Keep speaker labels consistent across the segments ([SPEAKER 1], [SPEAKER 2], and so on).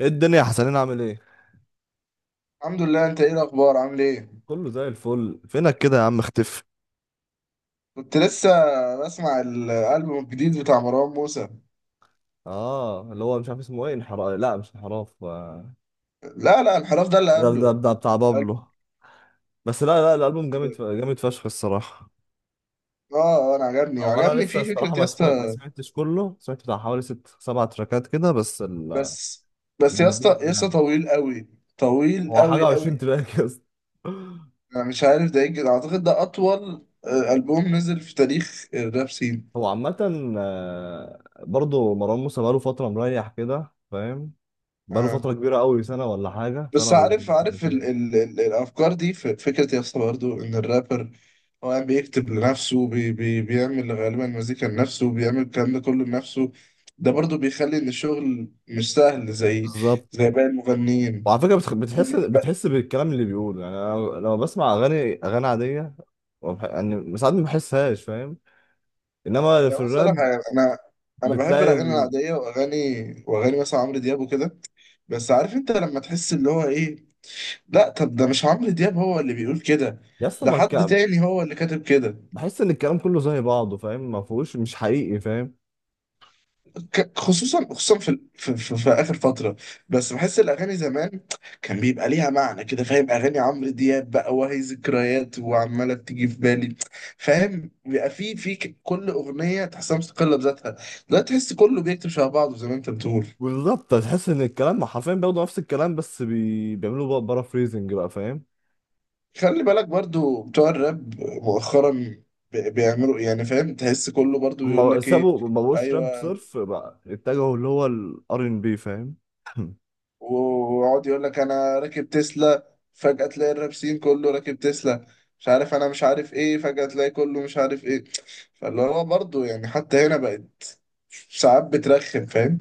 [SPEAKER 1] ايه الدنيا يا حسنين؟ عامل ايه؟
[SPEAKER 2] الحمد لله. انت ايه الاخبار؟ عامل ايه؟
[SPEAKER 1] كله زي الفل، فينك كده يا عم؟ اختفي.
[SPEAKER 2] كنت لسه بسمع الالبوم الجديد بتاع مروان موسى.
[SPEAKER 1] اه اللي هو مش عارف اسمه ايه، انحراف، لا مش انحراف.
[SPEAKER 2] لا لا الانحراف ده اللي
[SPEAKER 1] ده
[SPEAKER 2] قبله.
[SPEAKER 1] بتاع بابلو. بس لا لا الالبوم جامد، جامد فشخ الصراحه.
[SPEAKER 2] اه آه، انا عجبني
[SPEAKER 1] او انا
[SPEAKER 2] وعجبني
[SPEAKER 1] لسه
[SPEAKER 2] فيه فكره
[SPEAKER 1] الصراحه
[SPEAKER 2] يا
[SPEAKER 1] ما
[SPEAKER 2] اسطى.
[SPEAKER 1] سمعتش كله، سمعت بتاع حوالي 6 7 تراكات كده بس،
[SPEAKER 2] بس بس يا اسطى
[SPEAKER 1] الجامدين
[SPEAKER 2] يا اسطى
[SPEAKER 1] يعني.
[SPEAKER 2] طويل قوي، طويل
[SPEAKER 1] هو حاجه
[SPEAKER 2] قوي قوي.
[SPEAKER 1] 20 تراك يا اسطى.
[SPEAKER 2] انا مش عارف ده يجي اعتقد ده اطول البوم نزل في تاريخ الراب سين.
[SPEAKER 1] هو عامه، برضه مروان موسى بقاله فتره مريح كده فاهم، بقاله
[SPEAKER 2] آه.
[SPEAKER 1] فتره كبيره قوي، سنه ولا حاجه،
[SPEAKER 2] بس
[SPEAKER 1] سنه
[SPEAKER 2] عارف عارف ال
[SPEAKER 1] وسنتين.
[SPEAKER 2] ال ال الافكار دي فكره يا اسطى برضه ان الرابر هو قاعد بيكتب لنفسه، بي بيعمل غالبا مزيكا لنفسه، بيعمل الكلام ده كله لنفسه. ده برضه بيخلي ان الشغل مش سهل زي
[SPEAKER 1] بالظبط.
[SPEAKER 2] زي باقي المغنيين.
[SPEAKER 1] وعلى فكرة بتخ- بتحس
[SPEAKER 2] ب-
[SPEAKER 1] بتحس بالكلام اللي بيقوله، يعني أنا لما بسمع أغاني عادية يعني ساعات ما بحسهاش فاهم، إنما في
[SPEAKER 2] يعني بص أقول لك
[SPEAKER 1] الراب
[SPEAKER 2] حاجة، انا بحب
[SPEAKER 1] بتلاقي
[SPEAKER 2] الاغاني العاديه واغاني، واغاني مثلا عمرو دياب وكده. بس عارف انت لما تحس اللي هو ايه، لا طب ده مش عمرو دياب هو اللي بيقول كده،
[SPEAKER 1] يا اسطى
[SPEAKER 2] ده
[SPEAKER 1] ما
[SPEAKER 2] حد
[SPEAKER 1] الك-
[SPEAKER 2] تاني هو اللي كاتب كده.
[SPEAKER 1] بحس إن الكلام كله زي بعضه فاهم، ما فيهوش، مش حقيقي فاهم.
[SPEAKER 2] خصوصا خصوصا في اخر فتره. بس بحس الاغاني زمان كان بيبقى ليها معنى كده، فاهم؟ اغاني عمرو دياب بقى وهي ذكريات وعماله بتيجي في بالي. فاهم؟ بيبقى في كل اغنيه تحسها مستقله بذاتها، لا تحس كله بيكتب شبه بعضه زي ما انت بتقول.
[SPEAKER 1] بالظبط، تحس إن الكلام حرفيا بياخدوا نفس الكلام، بس بيعملوا بقى فريزنج بقى فاهم.
[SPEAKER 2] خلي بالك برضو بتوع الراب مؤخرا، بيعملوا يعني، فاهم؟ تحس كله برضو يقول
[SPEAKER 1] هما
[SPEAKER 2] لك ايه.
[SPEAKER 1] سابوا، ما بقوش راب
[SPEAKER 2] ايوه.
[SPEAKER 1] صرف بقى، اتجهوا اللي هو الار ان بي فاهم.
[SPEAKER 2] ويقعد يقول لك انا راكب تسلا، فجأة تلاقي الرابسين كله راكب تسلا، مش عارف انا مش عارف ايه، فجأة تلاقي كله مش عارف ايه. فاللي هو برضه يعني حتى هنا بقت ساعات بترخم، فاهم؟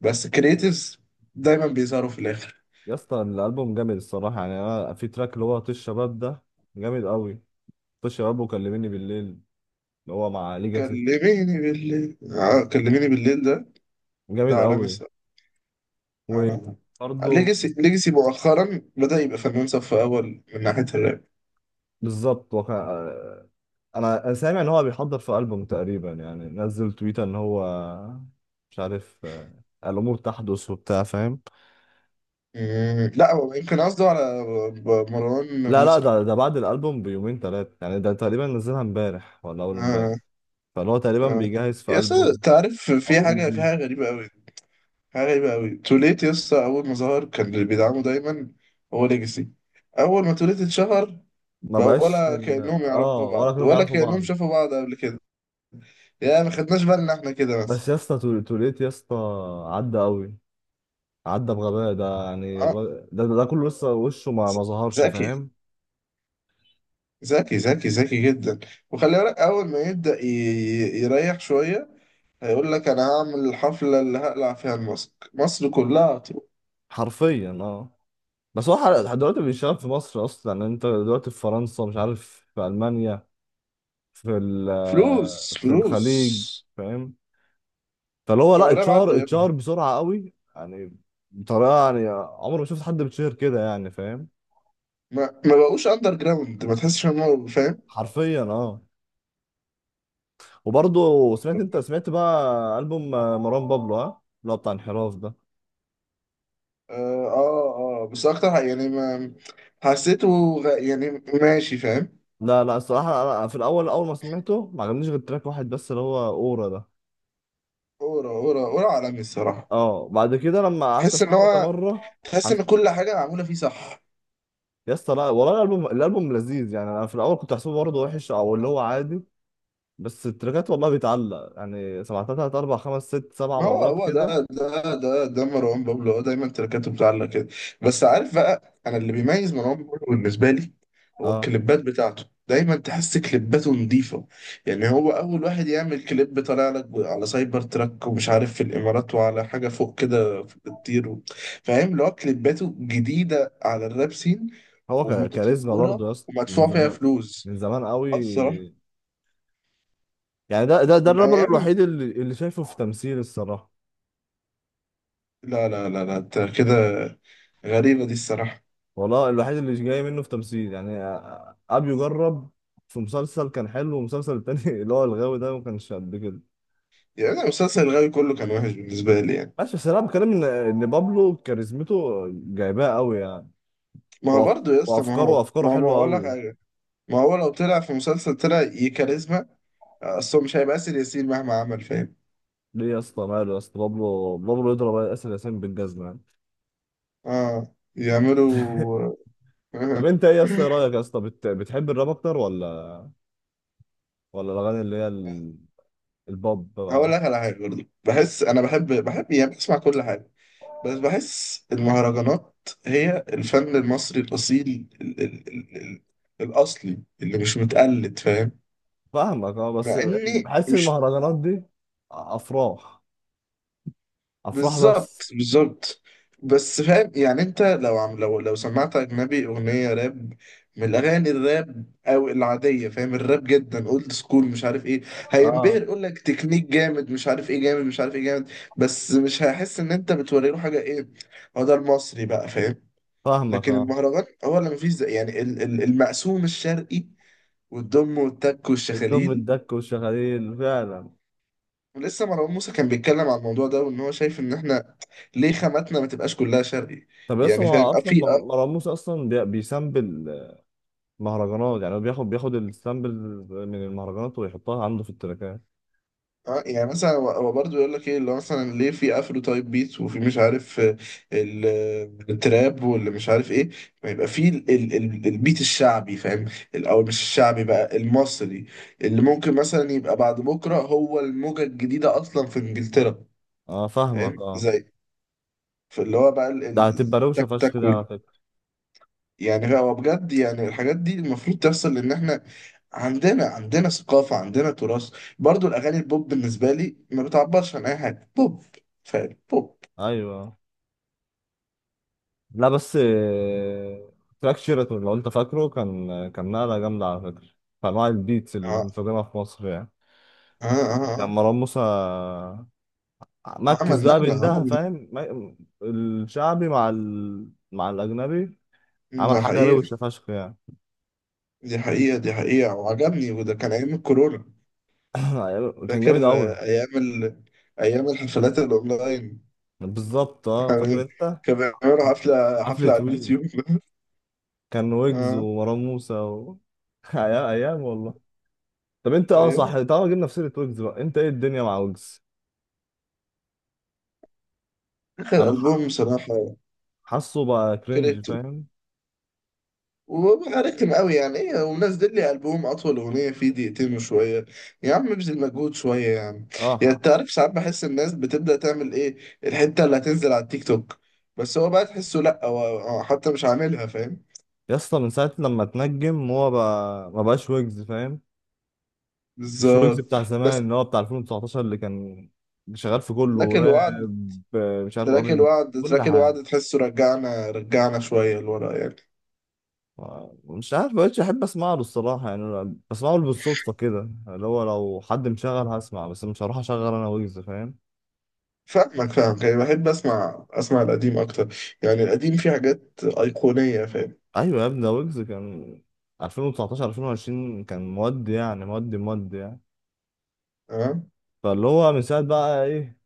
[SPEAKER 2] بس كريتيفز دايما بيظهروا في الاخر.
[SPEAKER 1] يا اسطى الألبوم جامد الصراحة، يعني أنا في تراك اللي هو طيش الشباب ده، جامد قوي. شباب وكلميني بالليل اللي هو مع ليجاسي،
[SPEAKER 2] كلميني بالليل، آه كلميني بالليل ده، ده
[SPEAKER 1] جامد
[SPEAKER 2] عالمي
[SPEAKER 1] قوي
[SPEAKER 2] الصراحة. آه.
[SPEAKER 1] وبرضه.
[SPEAKER 2] ليجاسي ليجاسي مؤخرا بدأ يبقى فنان صف أول من ناحية الراب.
[SPEAKER 1] بالظبط انا سامع ان هو بيحضر في ألبوم تقريبا، يعني نزل تويتر ان هو مش عارف الامور تحدث وبتاع فاهم.
[SPEAKER 2] لا هو يمكن قصده على مروان
[SPEAKER 1] لا لا
[SPEAKER 2] موسى.
[SPEAKER 1] ده بعد الألبوم بيومين 3 يعني، ده تقريبا نزلها امبارح ولا اول امبارح،
[SPEAKER 2] آه.
[SPEAKER 1] فاللي هو تقريبا
[SPEAKER 2] آه.
[SPEAKER 1] بيجهز في
[SPEAKER 2] يا اسطى
[SPEAKER 1] ألبوم
[SPEAKER 2] انت عارف
[SPEAKER 1] او
[SPEAKER 2] في حاجه في
[SPEAKER 1] EP.
[SPEAKER 2] حاجه غريبه قوي، حاجه غريبه قوي. توليت يا اسطى اول ما ظهر كان اللي بيدعمه دايما هو ليجاسي. اول ما توليت اتشهر
[SPEAKER 1] ما
[SPEAKER 2] بقى
[SPEAKER 1] بقاش،
[SPEAKER 2] ولا كانهم يعرفوا
[SPEAKER 1] اه، ولا
[SPEAKER 2] بعض
[SPEAKER 1] كلهم
[SPEAKER 2] ولا
[SPEAKER 1] يعرفوا
[SPEAKER 2] كانهم
[SPEAKER 1] بعض.
[SPEAKER 2] شافوا بعض قبل كده. يا ما خدناش بالنا احنا كده
[SPEAKER 1] بس
[SPEAKER 2] مثلا.
[SPEAKER 1] يا اسطى، توليت يا اسطى عدى قوي، عدى بغباء ده، يعني
[SPEAKER 2] آه،
[SPEAKER 1] ده كله لسه وشه
[SPEAKER 2] ذ-
[SPEAKER 1] ما ظهرش
[SPEAKER 2] ذكي،
[SPEAKER 1] فاهم.
[SPEAKER 2] ذكي جدا. وخلي بالك اول ما يبدا يريح شويه هيقول لك انا هعمل الحفله اللي هقلع فيها الماسك، مصر كلها هتروح.
[SPEAKER 1] حرفيا اه. بس هو لحد دلوقتي بيشتغل في مصر اصلا، يعني انت دلوقتي في فرنسا، مش عارف في المانيا، في
[SPEAKER 2] فلوس
[SPEAKER 1] في
[SPEAKER 2] فلوس.
[SPEAKER 1] الخليج فاهم. فاللي هو
[SPEAKER 2] بتوع
[SPEAKER 1] لا،
[SPEAKER 2] الراب
[SPEAKER 1] اتشهر
[SPEAKER 2] عدوا،
[SPEAKER 1] اتشهر بسرعه قوي يعني، بطريقه يعني، عمري ما شفت حد بيتشهر كده يعني فاهم.
[SPEAKER 2] ما ما بقوش اندر جراوند، ما تحسش ان هو فاهم.
[SPEAKER 1] حرفيا اه. وبرضه انت سمعت بقى البوم مروان بابلو، ها، اللي هو بتاع انحراف ده.
[SPEAKER 2] اه. اه آه، بس اكتر حاجة يعني ما حسيته، يعني ماشي فاهم.
[SPEAKER 1] لا لا الصراحة أنا في الأول، أول ما سمعته ما عجبنيش غير تراك واحد بس، اللي هو أورا ده.
[SPEAKER 2] اورا، اورا اورا عالمي الصراحة.
[SPEAKER 1] أه بعد كده لما قعدت
[SPEAKER 2] تحس ان
[SPEAKER 1] أسمعه كذا
[SPEAKER 2] هو،
[SPEAKER 1] مرة.
[SPEAKER 2] تحس
[SPEAKER 1] حس...
[SPEAKER 2] ان كل حاجة معمولة فيه صح.
[SPEAKER 1] يا اسطى لا والله، الألبوم لذيذ، يعني أنا في الأول كنت حاسبه برضه وحش، أو اللي هو عادي، بس التراكات والله بيتعلق، يعني سمعتها 3 4 5 6 7
[SPEAKER 2] ما هو
[SPEAKER 1] مرات
[SPEAKER 2] هو
[SPEAKER 1] كده.
[SPEAKER 2] ده مروان بابلو هو دايما تركاته بتعلق كده. بس عارف بقى انا اللي بيميز مروان بابلو بالنسبه لي هو
[SPEAKER 1] أه،
[SPEAKER 2] الكليبات بتاعته، دايما تحس كليباته نظيفه. يعني هو اول واحد يعمل كليب طالع لك على سايبر تراك ومش عارف في الامارات وعلى حاجه فوق كده بتطير فاهم؟ اللي هو كليباته جديده على الراب سين،
[SPEAKER 1] هو كاريزما
[SPEAKER 2] ومتطوره
[SPEAKER 1] برضه يا اسطى، من
[SPEAKER 2] ومدفوع فيها
[SPEAKER 1] زمان،
[SPEAKER 2] فلوس.
[SPEAKER 1] من زمان قوي،
[SPEAKER 2] آه الصراحه.
[SPEAKER 1] يعني ده
[SPEAKER 2] من
[SPEAKER 1] الرابر
[SPEAKER 2] ايام،
[SPEAKER 1] الوحيد اللي شايفه في تمثيل الصراحة.
[SPEAKER 2] لا لا لا لا أنت كده، غريبه دي الصراحه.
[SPEAKER 1] والله الوحيد اللي مش جاي منه في تمثيل يعني، ابيو جرب في مسلسل كان حلو، والمسلسل التاني اللي هو الغاوي ده، ما كانش قد كده.
[SPEAKER 2] يعني أنا مسلسل الغاوي كله كان وحش بالنسبة لي يعني.
[SPEAKER 1] ماشي بس انا بتكلم ان بابلو كاريزمته جايباه قوي يعني.
[SPEAKER 2] ما هو
[SPEAKER 1] وأف...
[SPEAKER 2] برضه يا اسطى، ما
[SPEAKER 1] وافكاره،
[SPEAKER 2] هو
[SPEAKER 1] افكاره
[SPEAKER 2] ما هو
[SPEAKER 1] حلوه
[SPEAKER 2] بقول لك
[SPEAKER 1] قوي.
[SPEAKER 2] حاجة، ما هو لو طلع في مسلسل طلع يكاريزما أصله مش هيبقى آسر ياسين مهما عمل فاهم.
[SPEAKER 1] ليه يا اسطى؟ ماله يا اسطى؟ بابلو يضرب اسر ياسين بالجزمه يعني.
[SPEAKER 2] اه يعملوا.
[SPEAKER 1] طب انت ايه يا اسطى، إيه رايك يا اسطى، بتحب الراب اكتر ولا، ولا الاغاني اللي هي البوب
[SPEAKER 2] هقول
[SPEAKER 1] بقى؟
[SPEAKER 2] لك على حاجة، برضه بحس أنا بحب بحب يعني بسمع كل حاجة، بس بحس المهرجانات هي الفن المصري الأصيل ال الأصلي اللي مش متقلد فاهم.
[SPEAKER 1] فاهمك اه، بس
[SPEAKER 2] مع إني
[SPEAKER 1] بحس
[SPEAKER 2] مش،
[SPEAKER 1] المهرجانات دي افراح، افراح
[SPEAKER 2] بالظبط
[SPEAKER 1] بس.
[SPEAKER 2] بالظبط. بس فاهم يعني انت لو عم لو لو سمعت اجنبي اغنيه راب من الاغاني الراب او العاديه، فاهم الراب جدا اولد سكول مش عارف ايه، هينبهر
[SPEAKER 1] اه
[SPEAKER 2] يقول لك تكنيك جامد مش عارف ايه جامد مش عارف ايه جامد. بس مش هيحس ان انت بتوري له حاجه ايه، هو ده المصري بقى فاهم.
[SPEAKER 1] فاهمك
[SPEAKER 2] لكن
[SPEAKER 1] اه.
[SPEAKER 2] المهرجان هو اللي مفيش زي، يعني المقسوم الشرقي والدم والتك
[SPEAKER 1] الدم
[SPEAKER 2] والشخاليل.
[SPEAKER 1] الدك والشغاليل فعلا.
[SPEAKER 2] لسه مروان موسى كان بيتكلم على الموضوع ده وان هو شايف ان احنا ليه خاماتنا ما تبقاش كلها شرقي.
[SPEAKER 1] طب اصلا،
[SPEAKER 2] يعني
[SPEAKER 1] ما
[SPEAKER 2] فاهم؟
[SPEAKER 1] هو
[SPEAKER 2] آه،
[SPEAKER 1] اصلا
[SPEAKER 2] في آه.
[SPEAKER 1] مروان موسى اصلا بيسامبل مهرجانات يعني، هو بياخد السامبل من المهرجانات ويحطها عنده في التراكات.
[SPEAKER 2] آه، يعني مثلا هو هو برضه يقول لك ايه اللي هو مثلا ليه في افرو تايب بيت وفي مش عارف آه، آه، التراب واللي مش عارف ايه، ما يبقى في البيت الشعبي، فاهم؟ او مش الشعبي بقى، المصري، اللي ممكن مثلا يبقى بعد بكره هو الموجه الجديده اصلا في انجلترا.
[SPEAKER 1] اه فاهمك
[SPEAKER 2] فاهم
[SPEAKER 1] اه.
[SPEAKER 2] زي في اللي هو بقى
[SPEAKER 1] ده هتبقى روشه
[SPEAKER 2] تك تك.
[SPEAKER 1] فشخ كده على فكره.
[SPEAKER 2] يعني هو بجد يعني الحاجات دي المفروض تحصل، لان احنا عندنا، عندنا ثقافة، عندنا تراث. برضو الاغاني البوب بالنسبة لي ما بتعبرش عن اي حاجة، بوب فعلا بوب.
[SPEAKER 1] ايوه، لا بس، تراك شيراتون لو انت فاكره، كان نقله جامده على فكره في انواع البيتس اللي
[SPEAKER 2] اه
[SPEAKER 1] مستخدمها في مصر يعني.
[SPEAKER 2] اه اه
[SPEAKER 1] كان
[SPEAKER 2] آه.
[SPEAKER 1] مروان موسى
[SPEAKER 2] عمل
[SPEAKER 1] مركز بقى
[SPEAKER 2] نقلة،
[SPEAKER 1] بين ده
[SPEAKER 2] عمل
[SPEAKER 1] فاهم، الشعبي مع مع الاجنبي،
[SPEAKER 2] نقلة،
[SPEAKER 1] عمل
[SPEAKER 2] ده
[SPEAKER 1] حاجة
[SPEAKER 2] حقيقة،
[SPEAKER 1] روشة فشخ يعني.
[SPEAKER 2] دي حقيقة دي حقيقة، وعجبني. وده كان ايام الكورونا،
[SPEAKER 1] كان
[SPEAKER 2] فاكر
[SPEAKER 1] جامد أوي.
[SPEAKER 2] آه، ايام ايام الحفلات الاونلاين.
[SPEAKER 1] بالظبط اه، فاكر أنت؟
[SPEAKER 2] كان بيعملوا
[SPEAKER 1] حفلة
[SPEAKER 2] حفلة
[SPEAKER 1] حفلة
[SPEAKER 2] حفلة على
[SPEAKER 1] وي،
[SPEAKER 2] اليوتيوب.
[SPEAKER 1] كان ويجز
[SPEAKER 2] اه
[SPEAKER 1] ومروان موسى أيام أيام والله. طب أنت اه
[SPEAKER 2] أيام.
[SPEAKER 1] صح، طالما جبنا في سيرة ويجز بقى، أنت إيه الدنيا مع ويجز؟
[SPEAKER 2] اخر
[SPEAKER 1] أنا
[SPEAKER 2] البوم بصراحة
[SPEAKER 1] حاسه بقى كرنج
[SPEAKER 2] كرهته،
[SPEAKER 1] فاهم؟
[SPEAKER 2] وببقى رخم قوي يعني ايه ومنزل لي البوم اطول اغنيه فيه دقيقتين وشويه، يا عم ابذل مجهود شويه يعني.
[SPEAKER 1] اه
[SPEAKER 2] يعني انت عارف ساعات بحس الناس بتبدا تعمل ايه الحته اللي هتنزل على التيك توك، بس هو بقى تحسه لا هو هو حتى مش عاملها فاهم.
[SPEAKER 1] يا اسطى من ساعة لما اتنجم هو بقى ما بقاش ويجز فاهم؟ مش ويجز
[SPEAKER 2] بالظبط.
[SPEAKER 1] بتاع
[SPEAKER 2] بس
[SPEAKER 1] زمان اللي هو بتاع 2019، اللي كان شغال في كله
[SPEAKER 2] تراك الوعد
[SPEAKER 1] راب، مش عارف
[SPEAKER 2] تراك الوعد
[SPEAKER 1] كل
[SPEAKER 2] تراك
[SPEAKER 1] حاجة
[SPEAKER 2] الوعد تحسه رجعنا، رجعنا شويه لورا يعني.
[SPEAKER 1] مش عارف. مبقتش احب اسمع له الصراحه، يعني أنا بسمعه بالصدفه كده، اللي هو لو حد مشغل هسمع، بس مش هروح اشغل انا ويجز فاهم.
[SPEAKER 2] فاهمك فاهمك، يعني بحب اسمع، اسمع القديم اكتر. يعني القديم فيه حاجات ايقونيه فاهم.
[SPEAKER 1] ايوه يا ابني، ده ويجز كان 2019 2020، كان مودي يعني، مودي مودي يعني.
[SPEAKER 2] اه.
[SPEAKER 1] فاللي هو من ساعه بقى ايه،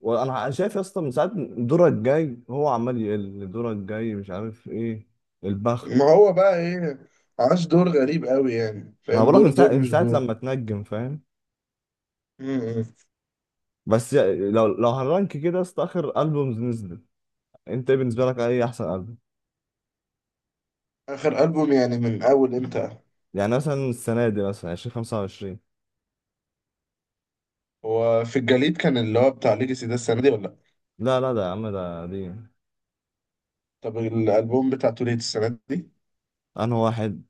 [SPEAKER 1] وانا شايف يا اسطى من ساعه، دورك الجاي، هو عمال يقل دورك الجاي، مش عارف ايه البخت.
[SPEAKER 2] ما هو بقى ايه، عاش دور غريب قوي يعني،
[SPEAKER 1] ما هو
[SPEAKER 2] فاهم؟
[SPEAKER 1] بقولك،
[SPEAKER 2] دور دور
[SPEAKER 1] من
[SPEAKER 2] مش
[SPEAKER 1] ساعة
[SPEAKER 2] دور.
[SPEAKER 1] لما تنجم فاهم.
[SPEAKER 2] م-م.
[SPEAKER 1] بس لو هنرانك كده يا اسطى، اخر البومز نزلت، انت ايه بالنسبه لك، ايه احسن؟
[SPEAKER 2] اخر البوم يعني من اول امتى؟
[SPEAKER 1] يعني مثلا السنة دي، مثلا 20 25.
[SPEAKER 2] هو في الجليد كان اللي هو بتاع ليجاسي ده السنه دي ولا لأ؟
[SPEAKER 1] لا لا ده يا عم، ده دي
[SPEAKER 2] طب الالبوم بتاع توليت السنه دي،
[SPEAKER 1] أنا واحد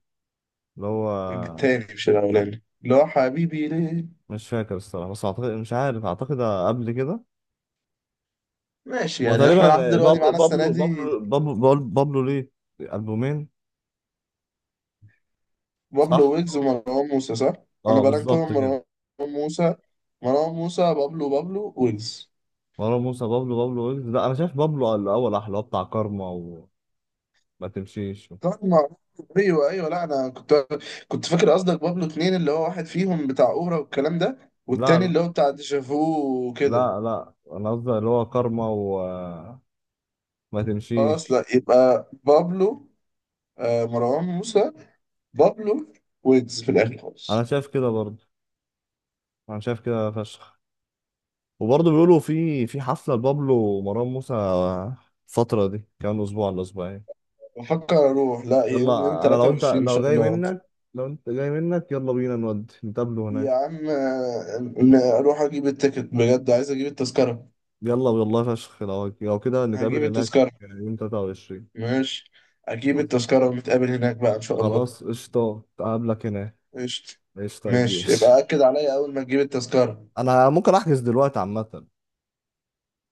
[SPEAKER 1] اللي هو
[SPEAKER 2] التاني مش الاولاني اللي هو حبيبي ليه.
[SPEAKER 1] مش فاكر الصراحة، بس أعتقد، مش عارف، أعتقد قبل كده.
[SPEAKER 2] ماشي، يعني
[SPEAKER 1] وتقريبا
[SPEAKER 2] احنا لحد دلوقتي معانا السنه دي
[SPEAKER 1] بابلو ليه ألبومين
[SPEAKER 2] بابلو
[SPEAKER 1] صح؟
[SPEAKER 2] ويجز ومروان موسى، صح؟ انا
[SPEAKER 1] اه
[SPEAKER 2] برانكو
[SPEAKER 1] بالظبط كده.
[SPEAKER 2] مروان موسى، مروان موسى بابلو، بابلو ويجز.
[SPEAKER 1] مروان موسى، بابلو ويجز، لا أنا شايف بابلو الأول أحلى، اللي هو بتاع كارما وما تمشيش.
[SPEAKER 2] طبعا معروف. ايوه ايوه، لا انا كنت كنت فاكر قصدك بابلو اتنين اللي هو واحد فيهم بتاع اورا والكلام ده والتاني
[SPEAKER 1] لا
[SPEAKER 2] اللي هو بتاع ديجافو وكده.
[SPEAKER 1] لا لا أنا قصدي اللي هو كارما وما
[SPEAKER 2] خلاص
[SPEAKER 1] تمشيش.
[SPEAKER 2] لا، يبقى بابلو، آه مروان موسى، بابلو، ويجز في الاخر
[SPEAKER 1] أنا
[SPEAKER 2] خالص.
[SPEAKER 1] شايف كده برضه، أنا شايف كده فشخ. وبرضه بيقولوا في حفلة لبابلو ومروان موسى الفترة دي، كمان أسبوع ولا أسبوعين.
[SPEAKER 2] بفكر اروح، لا يوم يوم
[SPEAKER 1] يلا أنا
[SPEAKER 2] 23 ان
[SPEAKER 1] لو
[SPEAKER 2] شاء
[SPEAKER 1] جاي
[SPEAKER 2] الله.
[SPEAKER 1] منك، لو أنت جاي منك، يلا بينا نودي نتقابله
[SPEAKER 2] يا
[SPEAKER 1] هناك.
[SPEAKER 2] عم آه، اروح اجيب التيكت، بجد عايز اجيب التذكره.
[SPEAKER 1] يلا والله فشخ، لو كده نتقابل
[SPEAKER 2] هجيب
[SPEAKER 1] هناك،
[SPEAKER 2] التذكره
[SPEAKER 1] يعني يوم 23.
[SPEAKER 2] ماشي، اجيب التذكره ونتقابل هناك بقى ان شاء الله.
[SPEAKER 1] خلاص قشطة، أقابلك هناك.
[SPEAKER 2] قشطة.
[SPEAKER 1] قشطة يا كبير.
[SPEAKER 2] ماشي يبقى أكد عليا أول ما تجيب التذكرة.
[SPEAKER 1] أنا ممكن أحجز دلوقتي عامة.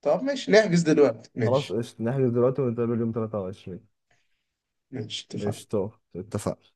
[SPEAKER 2] طب ماشي نحجز دلوقتي،
[SPEAKER 1] خلاص
[SPEAKER 2] ماشي.
[SPEAKER 1] قشطة، نحجز دلوقتي ونتقابل يوم 23.
[SPEAKER 2] ماشي اتفقنا.
[SPEAKER 1] قشطة اتفقنا.